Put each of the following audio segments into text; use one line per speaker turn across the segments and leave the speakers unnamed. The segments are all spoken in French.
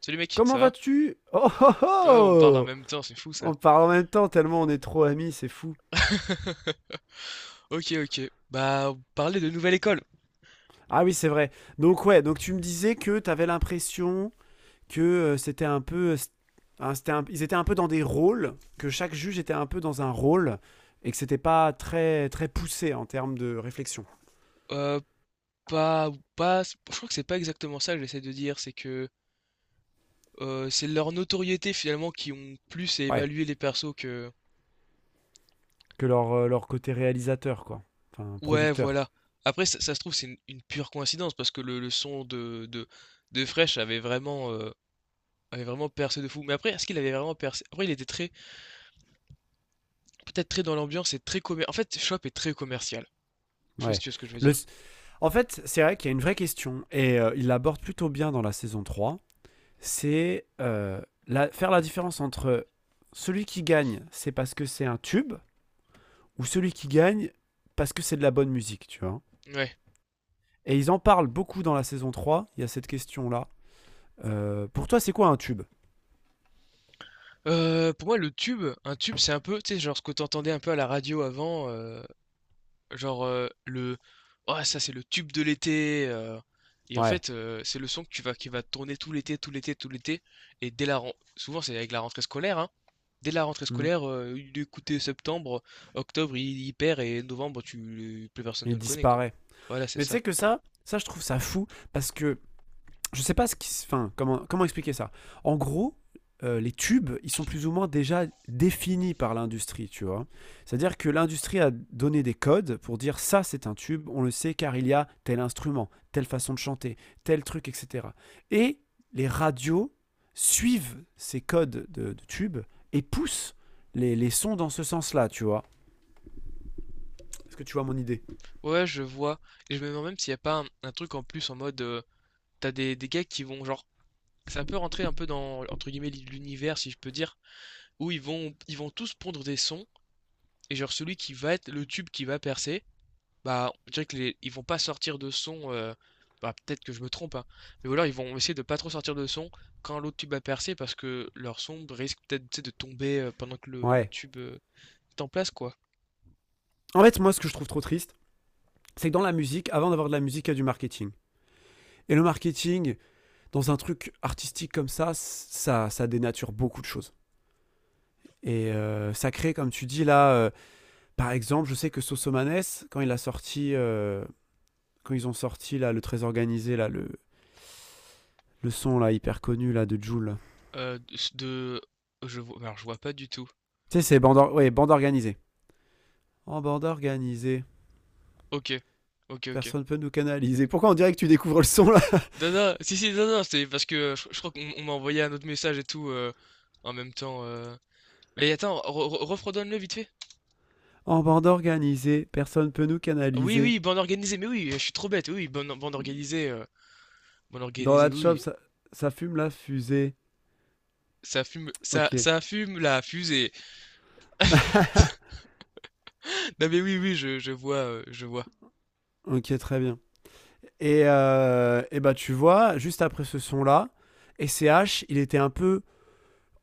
Salut mec,
Comment
ça va?
vas-tu? Oh oh
Ah, on parle en
oh!
même temps, c'est fou ça.
On parle en même temps tellement on est trop amis, c'est fou.
Ok, ok. Bah, parler de nouvelle école.
Ah oui, c'est vrai. Donc ouais, donc tu me disais que t'avais l'impression que c'était un peu, ils étaient un peu dans des rôles, que chaque juge était un peu dans un rôle et que c'était pas très très poussé en termes de réflexion.
Euh, pas, pas, je crois que c'est pas exactement ça que j'essaie de dire, c'est que c'est leur notoriété finalement qui ont plus à
Ouais.
évaluer les persos que.
Que leur côté réalisateur quoi, enfin
Ouais,
producteur.
voilà. Après, ça se trouve, c'est une pure coïncidence parce que le son de Fresh avait vraiment percé de fou. Mais après, est-ce qu'il avait vraiment percé? Après, il était très, peut-être très dans l'ambiance et très commercial. En fait, Shop est très commercial. Je sais pas si
Ouais.
tu vois ce que je veux
Le,
dire.
En fait, c'est vrai qu'il y a une vraie question et il l'aborde plutôt bien dans la saison 3. C'est faire la différence entre celui qui gagne, c'est parce que c'est un tube, ou celui qui gagne parce que c'est de la bonne musique, tu vois.
Ouais.
Et ils en parlent beaucoup dans la saison trois, il y a cette question-là. Pour toi, c'est quoi un tube?
Pour moi le tube, un tube, c'est un peu, tu sais, genre ce que t'entendais un peu à la radio avant, genre, le: «Ah ça c'est le tube de l'été», et en
Ouais.
fait, c'est le son que tu vas qui va tourner tout l'été, tout l'été, tout l'été et dès la ren souvent c'est avec la rentrée scolaire, hein. Dès la rentrée
Hmm.
scolaire, il est écouté septembre, octobre il perd et novembre tu plus personne ne
Il
le connaît, quoi.
disparaît.
Voilà, c'est
Mais tu
ça.
sais que ça je trouve ça fou, parce que je sais pas ce qui, enfin, comment expliquer ça. En gros, les tubes, ils sont plus ou moins déjà définis par l'industrie, tu vois. C'est-à-dire que l'industrie a donné des codes pour dire ça, c'est un tube, on le sait car il y a tel instrument, telle façon de chanter, tel truc, etc. Et les radios suivent ces codes de tubes et poussent les sons dans ce sens-là, tu vois. Est-ce que tu vois mon idée?
Ouais, je vois et je me demande même s'il n'y a pas un truc en plus en mode, tu des gars qui vont genre. Ça peut rentrer un peu dans, entre guillemets, l'univers, si je peux dire, où ils vont tous pondre des sons et genre celui qui va être le tube qui va percer, bah, on dirait que les ils vont pas sortir de son, bah, peut-être que je me trompe, hein, mais voilà ils vont essayer de pas trop sortir de son quand l'autre tube a percé parce que leur son risque peut-être, tu sais, de tomber, pendant que le
Ouais.
tube, est en place, quoi.
En fait, moi, ce que je trouve trop triste, c'est que dans la musique, avant d'avoir de la musique, il y a du marketing. Et le marketing, dans un truc artistique comme ça, ça dénature beaucoup de choses. Et ça crée, comme tu dis là, par exemple, je sais que Sosomanes, quand il a sorti, euh, quand ils ont sorti là, le très organisé, là, le son là, hyper connu là, de Joule.
De Je vois alors je vois pas du tout.
Tu sais, c'est bande, ouais, bande organisée. En bande organisée,
OK. OK, OK.
personne peut nous canaliser. Pourquoi on dirait que tu découvres le son là?
Non, non, si, si, non, non, c'est parce que je crois qu'on m'a envoyé un autre message et tout en même temps. Mais attends, refredonne-le vite fait.
En bande organisée, personne peut nous
Ah oui,
canaliser.
oui, bande organisée, mais oui, je suis trop bête, oui, bande
Dans
organisée,
la shop,
oui.
ça fume la fusée.
Ça fume,
Ok,
ça fume la fusée. Non, mais oui, oui, je vois, je vois.
ok, très bien. Et, bah, tu vois, juste après ce son-là, SCH, il était un peu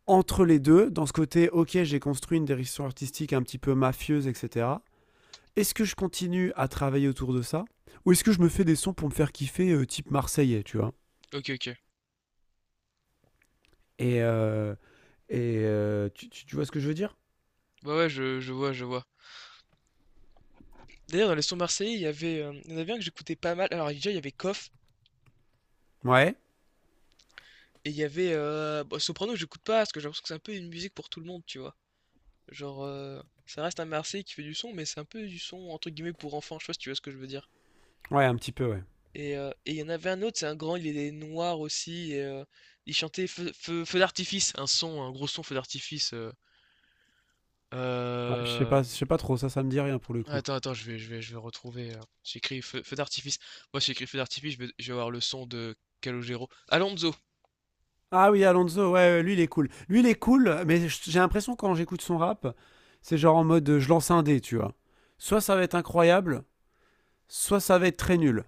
entre les deux, dans ce côté, ok, j'ai construit une direction artistique un petit peu mafieuse, etc. Est-ce que je continue à travailler autour de ça? Ou est-ce que je me fais des sons pour me faire kiffer, type marseillais, tu vois?
Ok, ok.
Et, euh, tu vois ce que je veux dire?
Ouais, ouais, je vois, je vois. D'ailleurs, dans les sons marseillais, il y avait, il y en avait un que j'écoutais pas mal. Alors, déjà, il y avait Koff
Ouais,
et il y avait bon, Soprano, j'écoute pas parce que j'ai l'impression que c'est un peu une musique pour tout le monde, tu vois. Genre, ça reste un Marseillais qui fait du son, mais c'est un peu du son entre guillemets «pour enfants», je sais pas si tu vois ce que je veux dire?
ouais, un petit peu, ouais.
Et il y en avait un autre, c'est un grand, il est noir aussi et il chantait feu d'artifice, un son, un gros son feu d'artifice,
Ouais, je
hem,
sais pas trop, ça me dit rien pour le coup.
attends, attends, je vais retrouver, j'ai écrit feu d'artifice. Moi, j'ai écrit feu d'artifice, je vais avoir le son de Calogero. Alonso!
Ah oui, Alonso, ouais, ouais, lui il est cool. Lui il est cool, mais j'ai l'impression quand j'écoute son rap, c'est genre en mode je lance un dé, tu vois. Soit ça va être incroyable, soit ça va être très nul,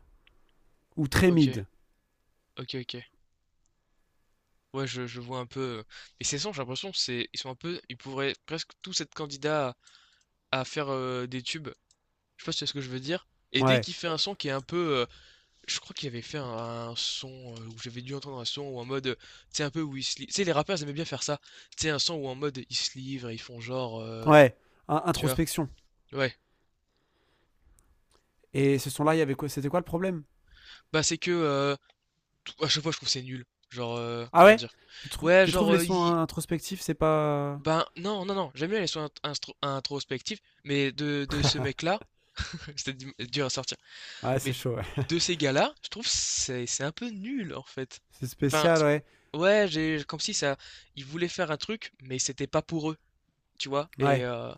ou très
OK,
mid.
OK, OK. Ouais, je vois un peu, mais ces sons, j'ai l'impression c'est ils sont un peu ils pourraient presque tous être candidats à faire, des tubes. Je sais pas si c'est ce que je veux dire. Et dès
Ouais,
qu'il fait un son qui est un peu. Je crois qu'il avait fait un son où j'avais dû entendre un son ou en mode. Tu sais, un peu où ils se livrent. Tu sais, les rappeurs, ils aimaient bien faire ça. Tu sais, un son où en mode ils se livrent et ils font genre.
ouais,
Tu vois?
introspection.
Ouais.
Et ce son-là, il y avait quoi? C'était quoi le problème?
Bah, c'est que. À chaque fois, je trouve que c'est nul. Genre,
Ah
comment
ouais,
dire?
tu, trou-
Ouais,
tu trouves
genre.
les sons introspectifs, c'est pas.
Ben, non, non, non. J'aime bien les sons introspectifs. Mais de ce mec-là, c'était dur à sortir.
Ouais, c'est
Mais
chaud, ouais.
de ces gars-là, je trouve c'est un peu nul en fait.
C'est
Enfin,
spécial, ouais.
ouais, j'ai comme si ça, ils voulaient faire un truc, mais c'était pas pour eux, tu vois. Et
Ouais.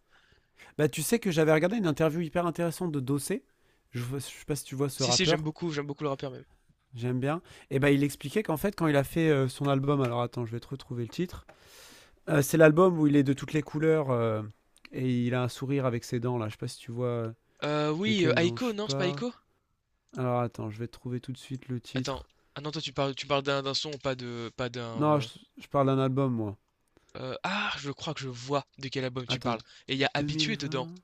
Bah, tu sais que j'avais regardé une interview hyper intéressante de Dossé. Je sais pas si tu vois ce
si si,
rappeur.
j'aime beaucoup le rappeur même.
J'aime bien. Et ben, il expliquait qu'en fait, quand il a fait son album, alors attends, je vais te retrouver le titre. C'est l'album où il est de toutes les couleurs et il a un sourire avec ses dents là. Je sais pas si tu vois
Oui,
lequel dont je
Aiko, non, c'est pas
parle.
Aiko?
Alors attends, je vais te trouver tout de suite le
Attends,
titre.
ah non, toi tu parles d'un d'un son, pas de, pas d'un.
Non, je parle d'un album moi.
Ah, je crois que je vois de quel album tu
Attends,
parles. Et il y a Habitué dedans.
2020.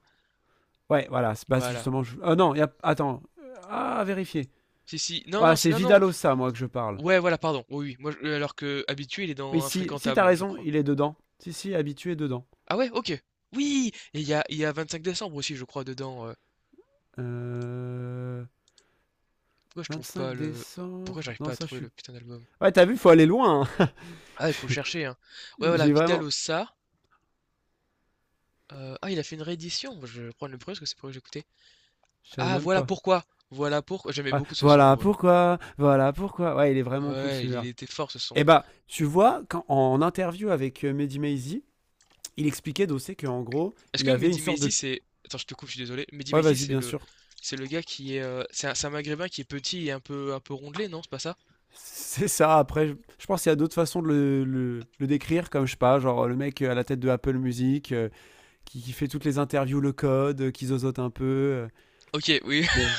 Ouais, voilà. Bah, c'est
Voilà.
justement. Ah non, y a, attends. Ah, à vérifier.
Si si, non
Voilà,
non, c'est
c'est
non non.
Vidalosa moi que je parle.
Ouais, voilà, pardon. Alors que Habitué il est
Oui,
dans
si, si t'as
Infréquentable, je
raison,
crois.
il est dedans. Si, si, habitué dedans.
Ah ouais? OK. Oui! Et il y a 25 décembre aussi, je crois, dedans,
Euh...
Pourquoi je trouve pas
vingt-cinq
le Pourquoi
décembre.
j'arrive pas
Non,
à
ça, je
trouver
suis.
le putain d'album?
Ouais, t'as vu, faut aller loin, hein.
Ah, il faut chercher, hein. Ouais, voilà,
J'ai vraiment.
Vidal-Ossa, ah, il a fait une réédition. Bah, je vais prendre le premier parce que c'est pour que j'écoutais.
Je savais
Ah,
même
voilà
pas.
pourquoi! Voilà pourquoi j'aimais
Ouais,
beaucoup ce son,
voilà
ouais.
pourquoi.
Oh.
Voilà pourquoi. Ouais, il est vraiment cool
Ouais, il
celui-là.
était fort ce son.
Et bah, tu vois, quand, en interview avec Mehdi Maizi, il expliquait d'aussi qu'en gros,
Est-ce
il
que
avait une
Mehdi
sorte
Maizi,
de.
c'est attends, je te coupe, je suis désolé. Mehdi
Ouais,
Maizi,
vas-y, bien sûr.
c'est le gars qui est, c'est un maghrébin qui est petit et un peu rondelet, non, c'est pas ça?
C'est ça, après, je pense qu'il y a d'autres façons de le, le décrire, comme je sais pas, genre le mec à la tête de Apple Music, qui fait toutes les interviews, le code, qui zozote un peu.
OK, oui,
Mais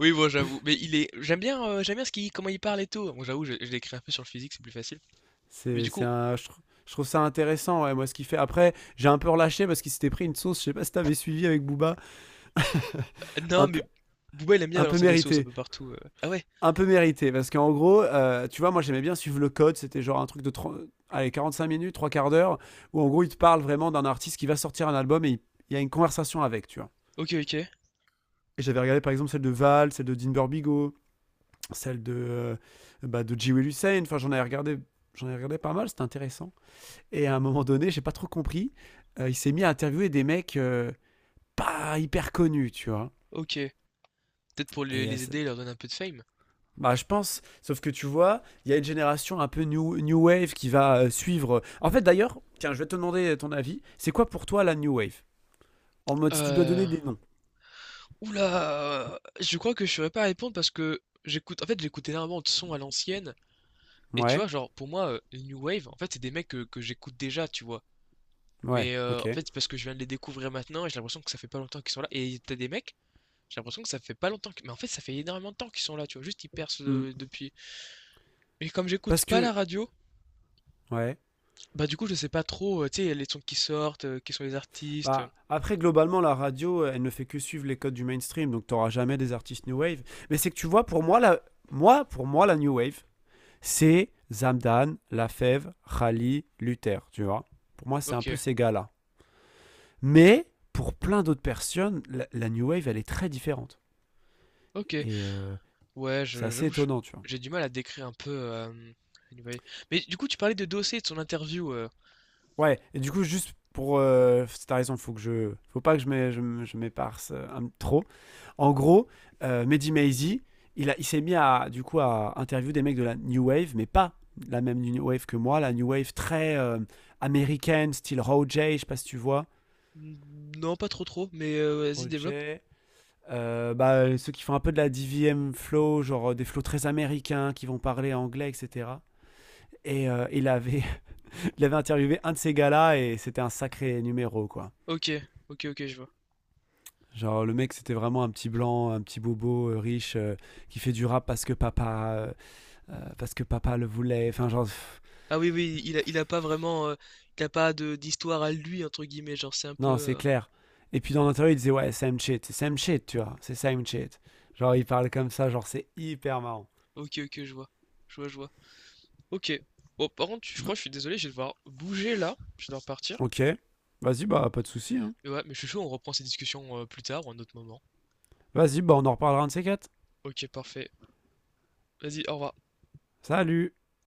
oui, bon, j'avoue. Mais il est j'aime bien ce qu'il comment il parle et tout. Bon, j'avoue, je l'ai un peu sur le physique, c'est plus facile. Mais du
C'est
coup,
un, je, tr- je trouve ça intéressant, ouais, moi, ce qu'il fait. Après, j'ai un peu relâché parce qu'il s'était pris une sauce, je sais pas si t'avais suivi avec Booba,
non,
un
mais
peu,
Booba, il aime bien
un peu
balancer des sauces un
mérité.
peu partout, Ah ouais?
Un peu mérité. Parce qu'en gros, tu vois, moi, j'aimais bien suivre le code. C'était genre un truc de 30 allez, 45 minutes, trois quarts d'heure, où en gros, il te parle vraiment d'un artiste qui va sortir un album et il y a une conversation avec, tu vois.
OK, OK,
Et j'avais regardé par exemple celle de Val, celle de Dean Burbigo, celle de, bah, de G. Will Hussein. Enfin, j'en avais regardé. J'en ai regardé pas mal, c'était intéressant. Et à un moment donné, j'ai pas trop compris, il s'est mis à interviewer des mecs pas hyper connus, tu vois.
OK. Peut-être pour
Et
les aider, leur donner un peu de fame?
bah, je pense, sauf que tu vois, il y a une génération un peu new wave qui va suivre. En fait, d'ailleurs, tiens, je vais te demander ton avis. C'est quoi pour toi la new wave? En mode, si tu dois donner
Heu,
des noms.
ouh Je crois que je saurais pas répondre parce que j'écoute énormément de sons à l'ancienne et tu
Ouais,
vois, genre, pour moi, le new wave, en fait, c'est des mecs que j'écoute déjà, tu vois?
ouais,
Mais en
ok.
fait, c'est parce que je viens de les découvrir maintenant et j'ai l'impression que ça fait pas longtemps qu'ils sont là et t'as des mecs. J'ai l'impression que ça fait pas longtemps que… Mais en fait, ça fait énormément de temps qu'ils sont là, tu vois. Juste, ils percent
Hmm.
depuis… Mais comme j'écoute
Parce
pas la
que,
radio,
ouais.
bah du coup, je sais pas trop, tu sais, les sons qui sortent, qui sont les artistes.
Bah, après, globalement, la radio, elle ne fait que suivre les codes du mainstream, donc t'auras jamais des artistes new wave. Mais c'est que tu vois, pour moi, la new wave, c'est Zamdan, Lafèvre, Khali, Luther, tu vois. Pour moi, c'est un
Ok,
peu ces gars-là. Mais pour plein d'autres personnes, la New Wave, elle est très différente.
ok.
Et
Ouais,
c'est assez
j'avoue,
étonnant, tu vois.
j'ai du mal à décrire un peu… anyway. Mais du coup, tu parlais de Dossé et de son interview.
Ouais, et du coup, juste pour c'est ta raison, il faut que je, faut pas que je m'éparse trop. En gros, Mehdi Maizi, il s'est mis à du coup à interviewer des mecs de la New Wave, mais pas la même New Wave que moi, la New Wave très américaine, style Roger, je sais pas si tu vois.
Non, pas trop trop, mais vas-y, développe.
Roger. Bah, ceux qui font un peu de la DVM flow, genre des flows très américains, qui vont parler anglais, etc. Et il avait interviewé un de ces gars-là et c'était un sacré numéro, quoi.
Ok, ok, ok, je vois.
Genre, le mec, c'était vraiment un petit blanc, un petit bobo riche qui fait du rap parce que papa le voulait. Enfin, genre, pff,
Ah oui, oui, il a pas vraiment… il a pas de d'histoire à lui, entre guillemets, genre c'est un peu…
non, c'est clair. Et puis dans l'interview, il disait, ouais, same shit, c'est same shit, tu vois, c'est same shit. Genre, il parle comme ça, genre, c'est hyper marrant.
Ok, ok, je vois. Je vois, je vois. Ok. Bon, par contre, je
B-
crois, je suis désolé, je vais devoir bouger là. Je vais devoir partir.
ok, vas-y, bah, pas de souci, hein.
Mais ouais, mais je suis chaud, on reprend ces discussions plus tard ou à un autre moment.
Vas-y, bah on en reparlera un de ces quatre.
Ok, parfait. Vas-y, au revoir.
Salut